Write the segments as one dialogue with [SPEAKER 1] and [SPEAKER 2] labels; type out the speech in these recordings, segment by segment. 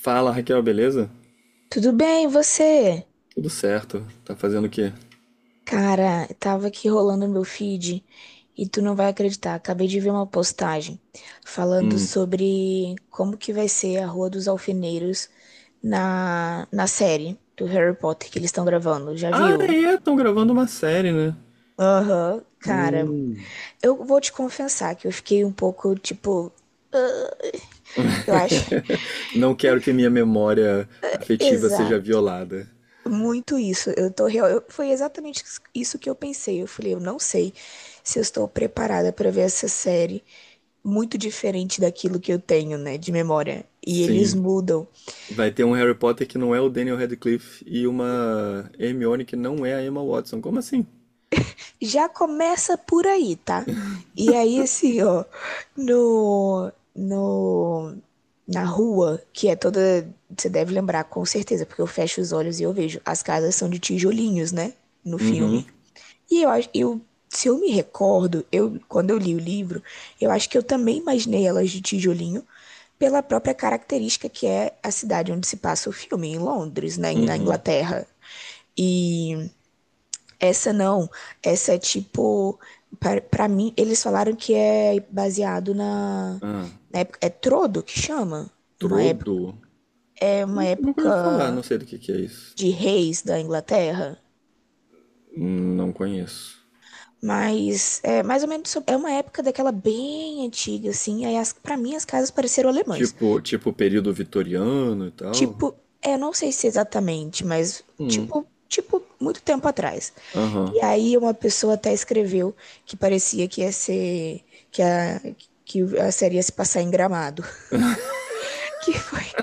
[SPEAKER 1] Fala, Raquel, beleza?
[SPEAKER 2] Tudo bem, e você?
[SPEAKER 1] Tudo certo. Tá fazendo o quê?
[SPEAKER 2] Cara, tava aqui rolando meu feed e tu não vai acreditar. Acabei de ver uma postagem falando
[SPEAKER 1] Hum.
[SPEAKER 2] sobre como que vai ser a Rua dos Alfeneiros na série do Harry Potter que eles estão gravando. Já
[SPEAKER 1] Ah,
[SPEAKER 2] viu?
[SPEAKER 1] é, estão gravando uma série, né?
[SPEAKER 2] Aham, cara.
[SPEAKER 1] Hum.
[SPEAKER 2] Eu vou te confessar que eu fiquei um pouco, tipo, eu acho.
[SPEAKER 1] Não quero que minha memória afetiva seja
[SPEAKER 2] Exato.
[SPEAKER 1] violada.
[SPEAKER 2] Muito isso. Eu tô real. Foi exatamente isso que eu pensei. Eu falei, eu não sei se eu estou preparada para ver essa série. Muito diferente daquilo que eu tenho, né, de memória. E eles
[SPEAKER 1] Sim,
[SPEAKER 2] mudam.
[SPEAKER 1] vai ter um Harry Potter que não é o Daniel Radcliffe e uma Hermione que não é a Emma Watson. Como assim?
[SPEAKER 2] Já começa por aí, tá? E aí, assim, ó, no, no, na rua, que é toda. Você deve lembrar, com certeza, porque eu fecho os olhos e eu vejo. As casas são de tijolinhos, né? No
[SPEAKER 1] Uhum,
[SPEAKER 2] filme. E eu acho, eu, se eu me recordo, eu, quando eu li o livro, eu acho que eu também imaginei elas de tijolinho pela própria característica que é a cidade onde se passa o filme, em Londres, né, na
[SPEAKER 1] uhum.
[SPEAKER 2] Inglaterra. E essa não, essa é tipo, pra mim, eles falaram que é baseado na,
[SPEAKER 1] Ah,
[SPEAKER 2] na época, é Trodo que chama? Uma época,
[SPEAKER 1] Trodo?
[SPEAKER 2] é uma
[SPEAKER 1] Nunca ouvi falar, não
[SPEAKER 2] época
[SPEAKER 1] sei do que é isso.
[SPEAKER 2] de reis da Inglaterra.
[SPEAKER 1] Não conheço.
[SPEAKER 2] Mas é mais ou menos. É uma época daquela bem antiga, assim. Aí as, para mim as casas pareceram alemãs.
[SPEAKER 1] Tipo, período vitoriano e tal.
[SPEAKER 2] Tipo, é, não sei se exatamente, mas
[SPEAKER 1] Hum.
[SPEAKER 2] tipo, tipo muito tempo atrás.
[SPEAKER 1] Aham.
[SPEAKER 2] E aí uma pessoa até escreveu que parecia que ia ser que a série ia se passar em Gramado, que foi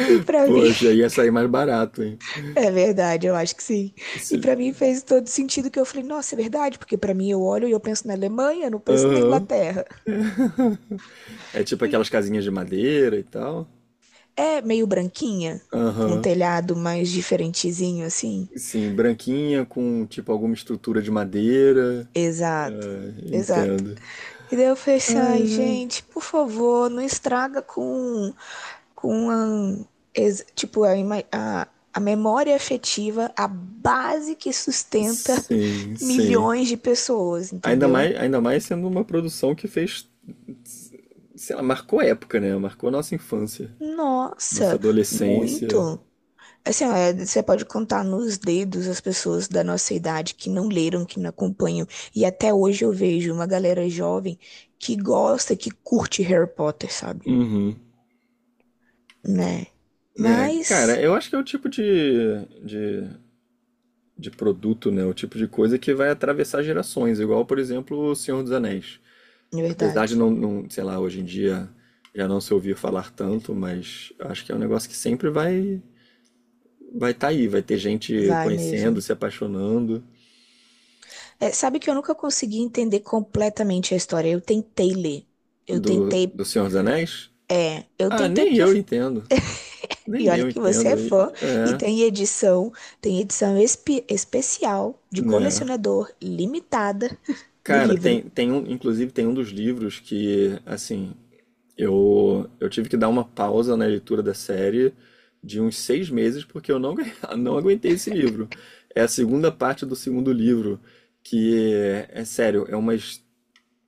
[SPEAKER 2] que pra mim
[SPEAKER 1] Poxa, ia sair mais barato, hein?
[SPEAKER 2] é verdade, eu acho que sim. E
[SPEAKER 1] Esse
[SPEAKER 2] pra mim fez todo sentido que eu falei, nossa, é verdade, porque pra mim eu olho e eu penso na Alemanha, eu não penso na
[SPEAKER 1] Aham.
[SPEAKER 2] Inglaterra.
[SPEAKER 1] É tipo aquelas casinhas de madeira e tal.
[SPEAKER 2] É meio branquinha, com um
[SPEAKER 1] Aham.
[SPEAKER 2] telhado mais diferentezinho assim.
[SPEAKER 1] Sim, branquinha com tipo alguma estrutura de madeira.
[SPEAKER 2] Exato, exato.
[SPEAKER 1] Entendo.
[SPEAKER 2] E daí eu falei assim,
[SPEAKER 1] Ai,
[SPEAKER 2] ai,
[SPEAKER 1] ai.
[SPEAKER 2] gente, por favor, não estraga com a, tipo, a memória afetiva, a base que sustenta
[SPEAKER 1] Sim, sim.
[SPEAKER 2] milhões de pessoas,
[SPEAKER 1] Ainda
[SPEAKER 2] entendeu?
[SPEAKER 1] mais, ainda mais sendo uma produção que fez, sei lá, marcou época, né? Marcou nossa infância, nossa
[SPEAKER 2] Nossa,
[SPEAKER 1] adolescência.
[SPEAKER 2] muito. Assim, ó, é, você pode contar nos dedos as pessoas da nossa idade que não leram, que não acompanham. E até hoje eu vejo uma galera jovem que gosta, que curte Harry Potter, sabe?
[SPEAKER 1] Uhum.
[SPEAKER 2] Né?
[SPEAKER 1] Né, cara,
[SPEAKER 2] Mas,
[SPEAKER 1] eu acho que é o tipo de produto, né? O tipo de coisa que vai atravessar gerações, igual, por exemplo, O Senhor dos Anéis.
[SPEAKER 2] na
[SPEAKER 1] Apesar de
[SPEAKER 2] verdade,
[SPEAKER 1] não, sei lá, hoje em dia já não se ouvir falar tanto, mas acho que é um negócio que sempre vai estar aí, vai ter gente
[SPEAKER 2] vai
[SPEAKER 1] conhecendo,
[SPEAKER 2] mesmo.
[SPEAKER 1] se apaixonando
[SPEAKER 2] É, sabe que eu nunca consegui entender completamente a história. Eu tentei ler. Eu
[SPEAKER 1] do,
[SPEAKER 2] tentei.
[SPEAKER 1] do Senhor dos Anéis.
[SPEAKER 2] É, eu
[SPEAKER 1] Ah,
[SPEAKER 2] tentei
[SPEAKER 1] nem
[SPEAKER 2] porque.
[SPEAKER 1] eu entendo.
[SPEAKER 2] E
[SPEAKER 1] Nem
[SPEAKER 2] olha
[SPEAKER 1] eu
[SPEAKER 2] que você
[SPEAKER 1] entendo.
[SPEAKER 2] é fã e
[SPEAKER 1] É,
[SPEAKER 2] tem edição especial de
[SPEAKER 1] né?
[SPEAKER 2] colecionador limitada do
[SPEAKER 1] Cara,
[SPEAKER 2] livro.
[SPEAKER 1] tem um, inclusive tem um dos livros que, assim, eu tive que dar uma pausa na leitura da série de uns 6 meses, porque eu não, não aguentei esse livro. É a segunda parte do segundo livro, que é sério, é umas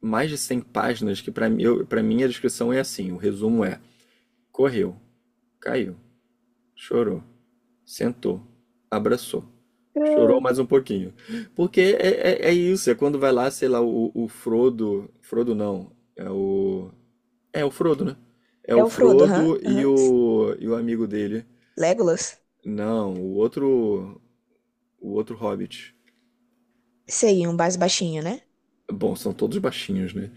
[SPEAKER 1] mais de 100 páginas, que para mim, pra mim a descrição é assim, o resumo é, correu, caiu, chorou, sentou, abraçou,
[SPEAKER 2] Ah.
[SPEAKER 1] chorou mais um pouquinho. Porque é isso, é quando vai lá, sei lá, o Frodo, Frodo não, é o... É o Frodo, né? É
[SPEAKER 2] É
[SPEAKER 1] o
[SPEAKER 2] o Frodo, aham,
[SPEAKER 1] Frodo e
[SPEAKER 2] aham.
[SPEAKER 1] o, e o amigo dele.
[SPEAKER 2] Legolas?
[SPEAKER 1] Não, o outro Hobbit.
[SPEAKER 2] Sei, um mais baixinho, né?
[SPEAKER 1] Bom, são todos baixinhos, né?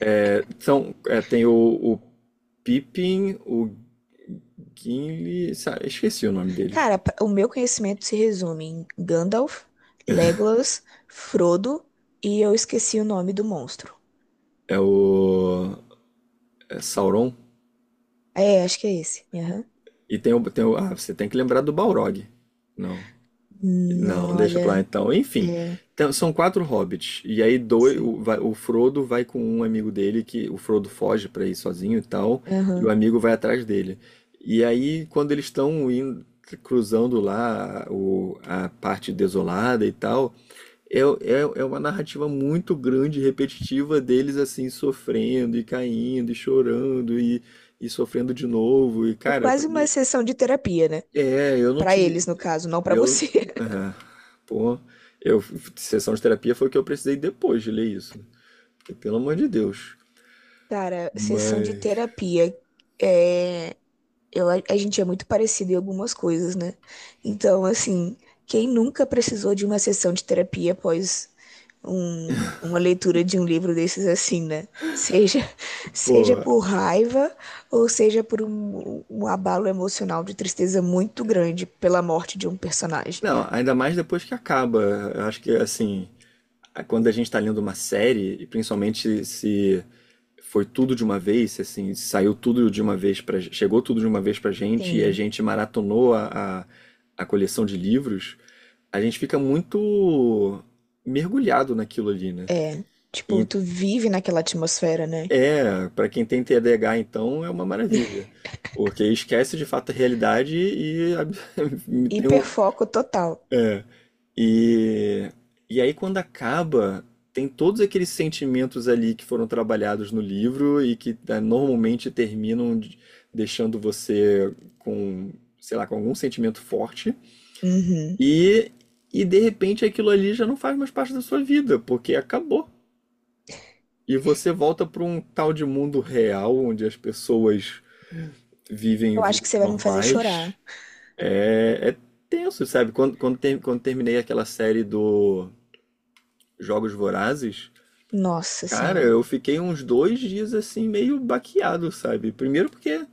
[SPEAKER 1] É, são, é, tem o Pippin, o Gimli, esqueci o nome deles.
[SPEAKER 2] Cara, o meu conhecimento se resume em Gandalf, Legolas, Frodo e eu esqueci o nome do monstro.
[SPEAKER 1] É o é Sauron.
[SPEAKER 2] É, acho que é esse. Aham.
[SPEAKER 1] Ah, você tem que lembrar do Balrog. Não. Não,
[SPEAKER 2] Não,
[SPEAKER 1] deixa pra lá
[SPEAKER 2] olha,
[SPEAKER 1] então. Enfim,
[SPEAKER 2] é,
[SPEAKER 1] então, são 4 hobbits. E aí dois,
[SPEAKER 2] sim.
[SPEAKER 1] o Frodo vai com um amigo dele, que o Frodo foge pra ir sozinho e tal, e o
[SPEAKER 2] Aham.
[SPEAKER 1] amigo vai atrás dele. E aí, quando eles estão cruzando lá a parte desolada e tal, é uma narrativa muito grande, e repetitiva deles assim, sofrendo e caindo e chorando e sofrendo de novo. E
[SPEAKER 2] É
[SPEAKER 1] cara,
[SPEAKER 2] quase
[SPEAKER 1] pra
[SPEAKER 2] uma
[SPEAKER 1] mim
[SPEAKER 2] sessão de terapia, né?
[SPEAKER 1] eu não
[SPEAKER 2] Pra eles,
[SPEAKER 1] tive.
[SPEAKER 2] no caso, não pra
[SPEAKER 1] Eu.
[SPEAKER 2] você.
[SPEAKER 1] Ah, pô, eu. Sessão de terapia foi o que eu precisei depois de ler isso. Porque, pelo amor de Deus.
[SPEAKER 2] Cara, sessão de
[SPEAKER 1] Mas.
[SPEAKER 2] terapia. É. Eu, a gente é muito parecido em algumas coisas, né? Então, assim, quem nunca precisou de uma sessão de terapia após um, uma leitura de um livro desses assim, né? Seja, seja
[SPEAKER 1] Pô.
[SPEAKER 2] por raiva ou seja por um, um abalo emocional de tristeza muito grande pela morte de um personagem.
[SPEAKER 1] Não, ainda mais depois que acaba. Eu acho que, assim. Quando a gente tá lendo uma série, e principalmente se foi tudo de uma vez, se, assim, saiu tudo de uma vez pra. Chegou tudo de uma vez pra gente e a
[SPEAKER 2] Sim,
[SPEAKER 1] gente maratonou a, a coleção de livros, a gente fica muito mergulhado naquilo ali, né?
[SPEAKER 2] é. Tipo, tu vive naquela atmosfera, né?
[SPEAKER 1] É, para quem tem TDAH, então, é uma maravilha, porque esquece de fato a realidade e, tem um-
[SPEAKER 2] Hiperfoco total.
[SPEAKER 1] e, e aí quando acaba, tem todos aqueles sentimentos ali que foram trabalhados no livro e que ah, normalmente terminam deixando você com, sei lá, com algum sentimento forte
[SPEAKER 2] Uhum.
[SPEAKER 1] e, e de repente aquilo ali já não faz mais parte da sua vida, porque acabou. E você volta para um tal de mundo real onde as pessoas vivem
[SPEAKER 2] Eu acho que
[SPEAKER 1] vidas
[SPEAKER 2] você vai me fazer chorar.
[SPEAKER 1] normais. É, é tenso, sabe? Quando terminei aquela série do Jogos Vorazes,
[SPEAKER 2] Nossa
[SPEAKER 1] cara,
[SPEAKER 2] senhora.
[SPEAKER 1] eu fiquei uns 2 dias assim, meio baqueado, sabe? Primeiro porque,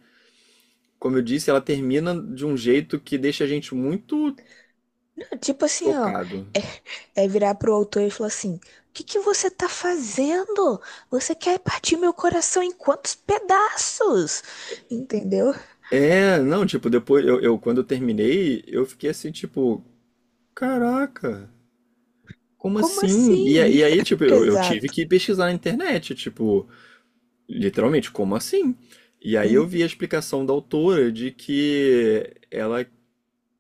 [SPEAKER 1] como eu disse, ela termina de um jeito que deixa a gente muito
[SPEAKER 2] Tipo assim, ó.
[SPEAKER 1] chocado.
[SPEAKER 2] É, é virar pro autor e falar assim: O que que você tá fazendo? Você quer partir meu coração em quantos pedaços? Entendeu?
[SPEAKER 1] É, não, tipo, depois, eu, quando eu terminei, eu fiquei assim, tipo, caraca, como
[SPEAKER 2] Como
[SPEAKER 1] assim? E
[SPEAKER 2] assim?
[SPEAKER 1] e aí, tipo, eu tive
[SPEAKER 2] Exato.
[SPEAKER 1] que pesquisar na internet, tipo, literalmente, como assim? E aí eu
[SPEAKER 2] Hum.
[SPEAKER 1] vi a explicação da autora de que ela,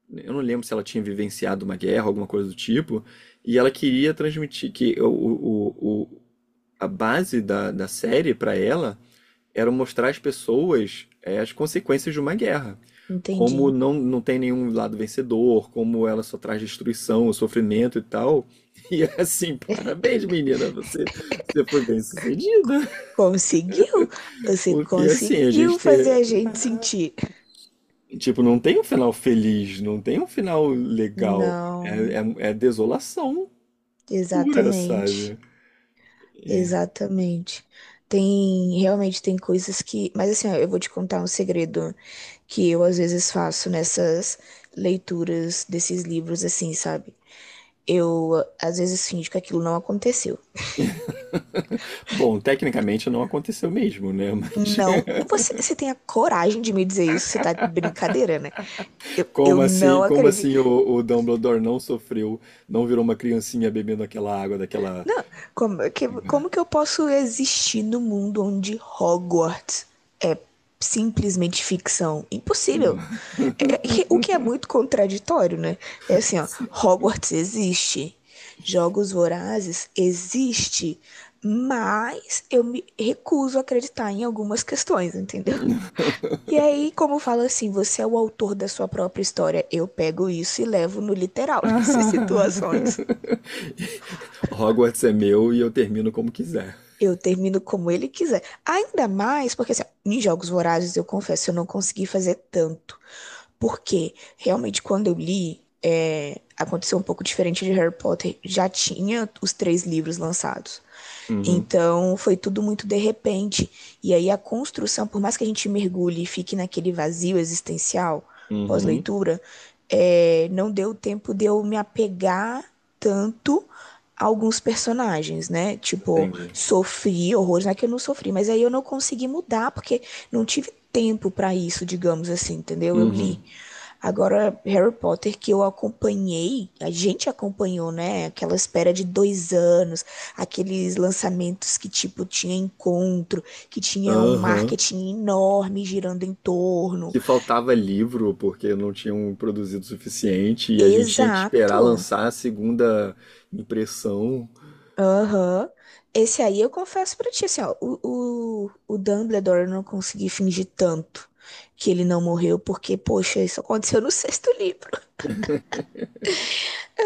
[SPEAKER 1] eu não lembro se ela tinha vivenciado uma guerra, alguma coisa do tipo, e ela queria transmitir que a base da série para ela era mostrar às pessoas as consequências de uma guerra. Como
[SPEAKER 2] Entendi.
[SPEAKER 1] não tem nenhum lado vencedor, como ela só traz destruição, sofrimento e tal. E é assim, parabéns, menina, você foi bem sucedida.
[SPEAKER 2] Conseguiu? Você
[SPEAKER 1] Porque assim, a
[SPEAKER 2] conseguiu
[SPEAKER 1] gente
[SPEAKER 2] fazer a gente sentir.
[SPEAKER 1] tipo, não tem um final feliz, não tem um final legal. É,
[SPEAKER 2] Não,
[SPEAKER 1] é desolação pura,
[SPEAKER 2] exatamente.
[SPEAKER 1] sabe? É.
[SPEAKER 2] Exatamente. Tem, realmente tem coisas que, mas assim, ó, eu vou te contar um segredo que eu às vezes faço nessas leituras desses livros assim, sabe? Eu às vezes finjo que aquilo não aconteceu.
[SPEAKER 1] Bom, tecnicamente não aconteceu mesmo, né? Mas
[SPEAKER 2] Não, você, você tem a coragem de me dizer isso? Você tá de brincadeira, né? Eu
[SPEAKER 1] como
[SPEAKER 2] não
[SPEAKER 1] assim, como
[SPEAKER 2] acredito.
[SPEAKER 1] assim o Dumbledore não sofreu, não virou uma criancinha bebendo aquela água daquela.
[SPEAKER 2] Não, como que eu posso existir no mundo onde Hogwarts é simplesmente ficção? Impossível. É é o que é muito contraditório, né? É assim, ó,
[SPEAKER 1] Sim.
[SPEAKER 2] Hogwarts existe, Jogos Vorazes existe, mas eu me recuso a acreditar em algumas questões, entendeu? E aí, como fala assim, você é o autor da sua própria história, eu pego isso e levo no literal nessas
[SPEAKER 1] Ah.
[SPEAKER 2] situações.
[SPEAKER 1] Hogwarts é meu e eu termino como quiser.
[SPEAKER 2] Eu termino como ele quiser. Ainda mais porque, assim, ó, em Jogos Vorazes, eu confesso, eu não consegui fazer tanto. Porque, realmente, quando eu li, é, aconteceu um pouco diferente de Harry Potter. Já tinha os três livros lançados.
[SPEAKER 1] Uhum.
[SPEAKER 2] Então, foi tudo muito de repente. E aí, a construção, por mais que a gente mergulhe e fique naquele vazio existencial
[SPEAKER 1] Uhum.
[SPEAKER 2] pós-leitura, é, não deu tempo de eu me apegar tanto a alguns personagens, né? Tipo,
[SPEAKER 1] Entendi.
[SPEAKER 2] sofri horrores, não é que eu não sofri, mas aí eu não consegui mudar porque não tive tempo para isso, digamos assim, entendeu? Eu li.
[SPEAKER 1] Uhum.
[SPEAKER 2] Agora, Harry Potter, que eu acompanhei, a gente acompanhou, né? Aquela espera de 2 anos, aqueles lançamentos que, tipo, tinha encontro, que tinha um
[SPEAKER 1] Aham.
[SPEAKER 2] marketing enorme girando em torno.
[SPEAKER 1] Que faltava livro porque não tinham produzido o suficiente e a gente tinha que esperar
[SPEAKER 2] Exato.
[SPEAKER 1] lançar a segunda impressão.
[SPEAKER 2] Aham. Esse aí eu confesso pra ti, assim, ó, o Dumbledore eu não consegui fingir tanto que ele não morreu, porque, poxa, isso aconteceu no sexto livro.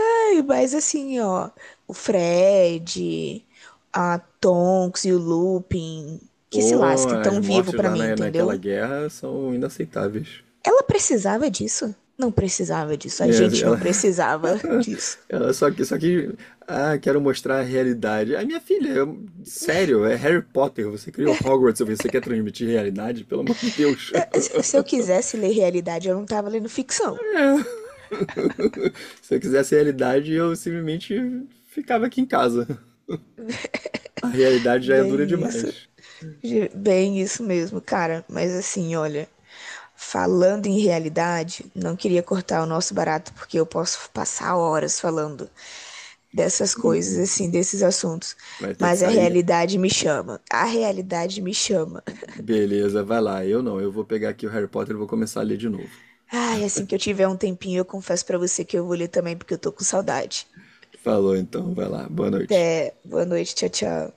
[SPEAKER 2] Ai, mas assim, ó, o Fred, a Tonks e o Lupin, que se
[SPEAKER 1] Pô,
[SPEAKER 2] lasque,
[SPEAKER 1] as
[SPEAKER 2] tão vivo
[SPEAKER 1] mortes
[SPEAKER 2] pra
[SPEAKER 1] lá
[SPEAKER 2] mim,
[SPEAKER 1] naquela
[SPEAKER 2] entendeu?
[SPEAKER 1] guerra são inaceitáveis.
[SPEAKER 2] Ela precisava disso? Não precisava disso, a
[SPEAKER 1] É, assim,
[SPEAKER 2] gente
[SPEAKER 1] ela,
[SPEAKER 2] não precisava disso.
[SPEAKER 1] ela só que, ah, quero mostrar a realidade. A minha filha, sério, é Harry Potter. Você criou Hogwarts, você quer transmitir realidade? Pelo amor de Deus.
[SPEAKER 2] É, Se se eu quisesse ler realidade, eu não tava lendo ficção.
[SPEAKER 1] É. Se eu quisesse realidade, eu simplesmente ficava aqui em casa. A realidade já é dura
[SPEAKER 2] Bem isso,
[SPEAKER 1] demais.
[SPEAKER 2] bem isso mesmo, cara. Mas assim, olha, falando em realidade, não queria cortar o nosso barato porque eu posso passar horas falando dessas coisas, assim, desses assuntos.
[SPEAKER 1] Vai ter que
[SPEAKER 2] Mas a
[SPEAKER 1] sair?
[SPEAKER 2] realidade me chama. A realidade me chama.
[SPEAKER 1] Beleza, vai lá. Eu não, eu vou pegar aqui o Harry Potter e vou começar a ler de novo.
[SPEAKER 2] Ai, assim que eu tiver um tempinho, eu confesso pra você que eu vou ler também, porque eu tô com saudade.
[SPEAKER 1] Falou então, vai lá. Boa noite.
[SPEAKER 2] Até boa noite, tchau, tchau.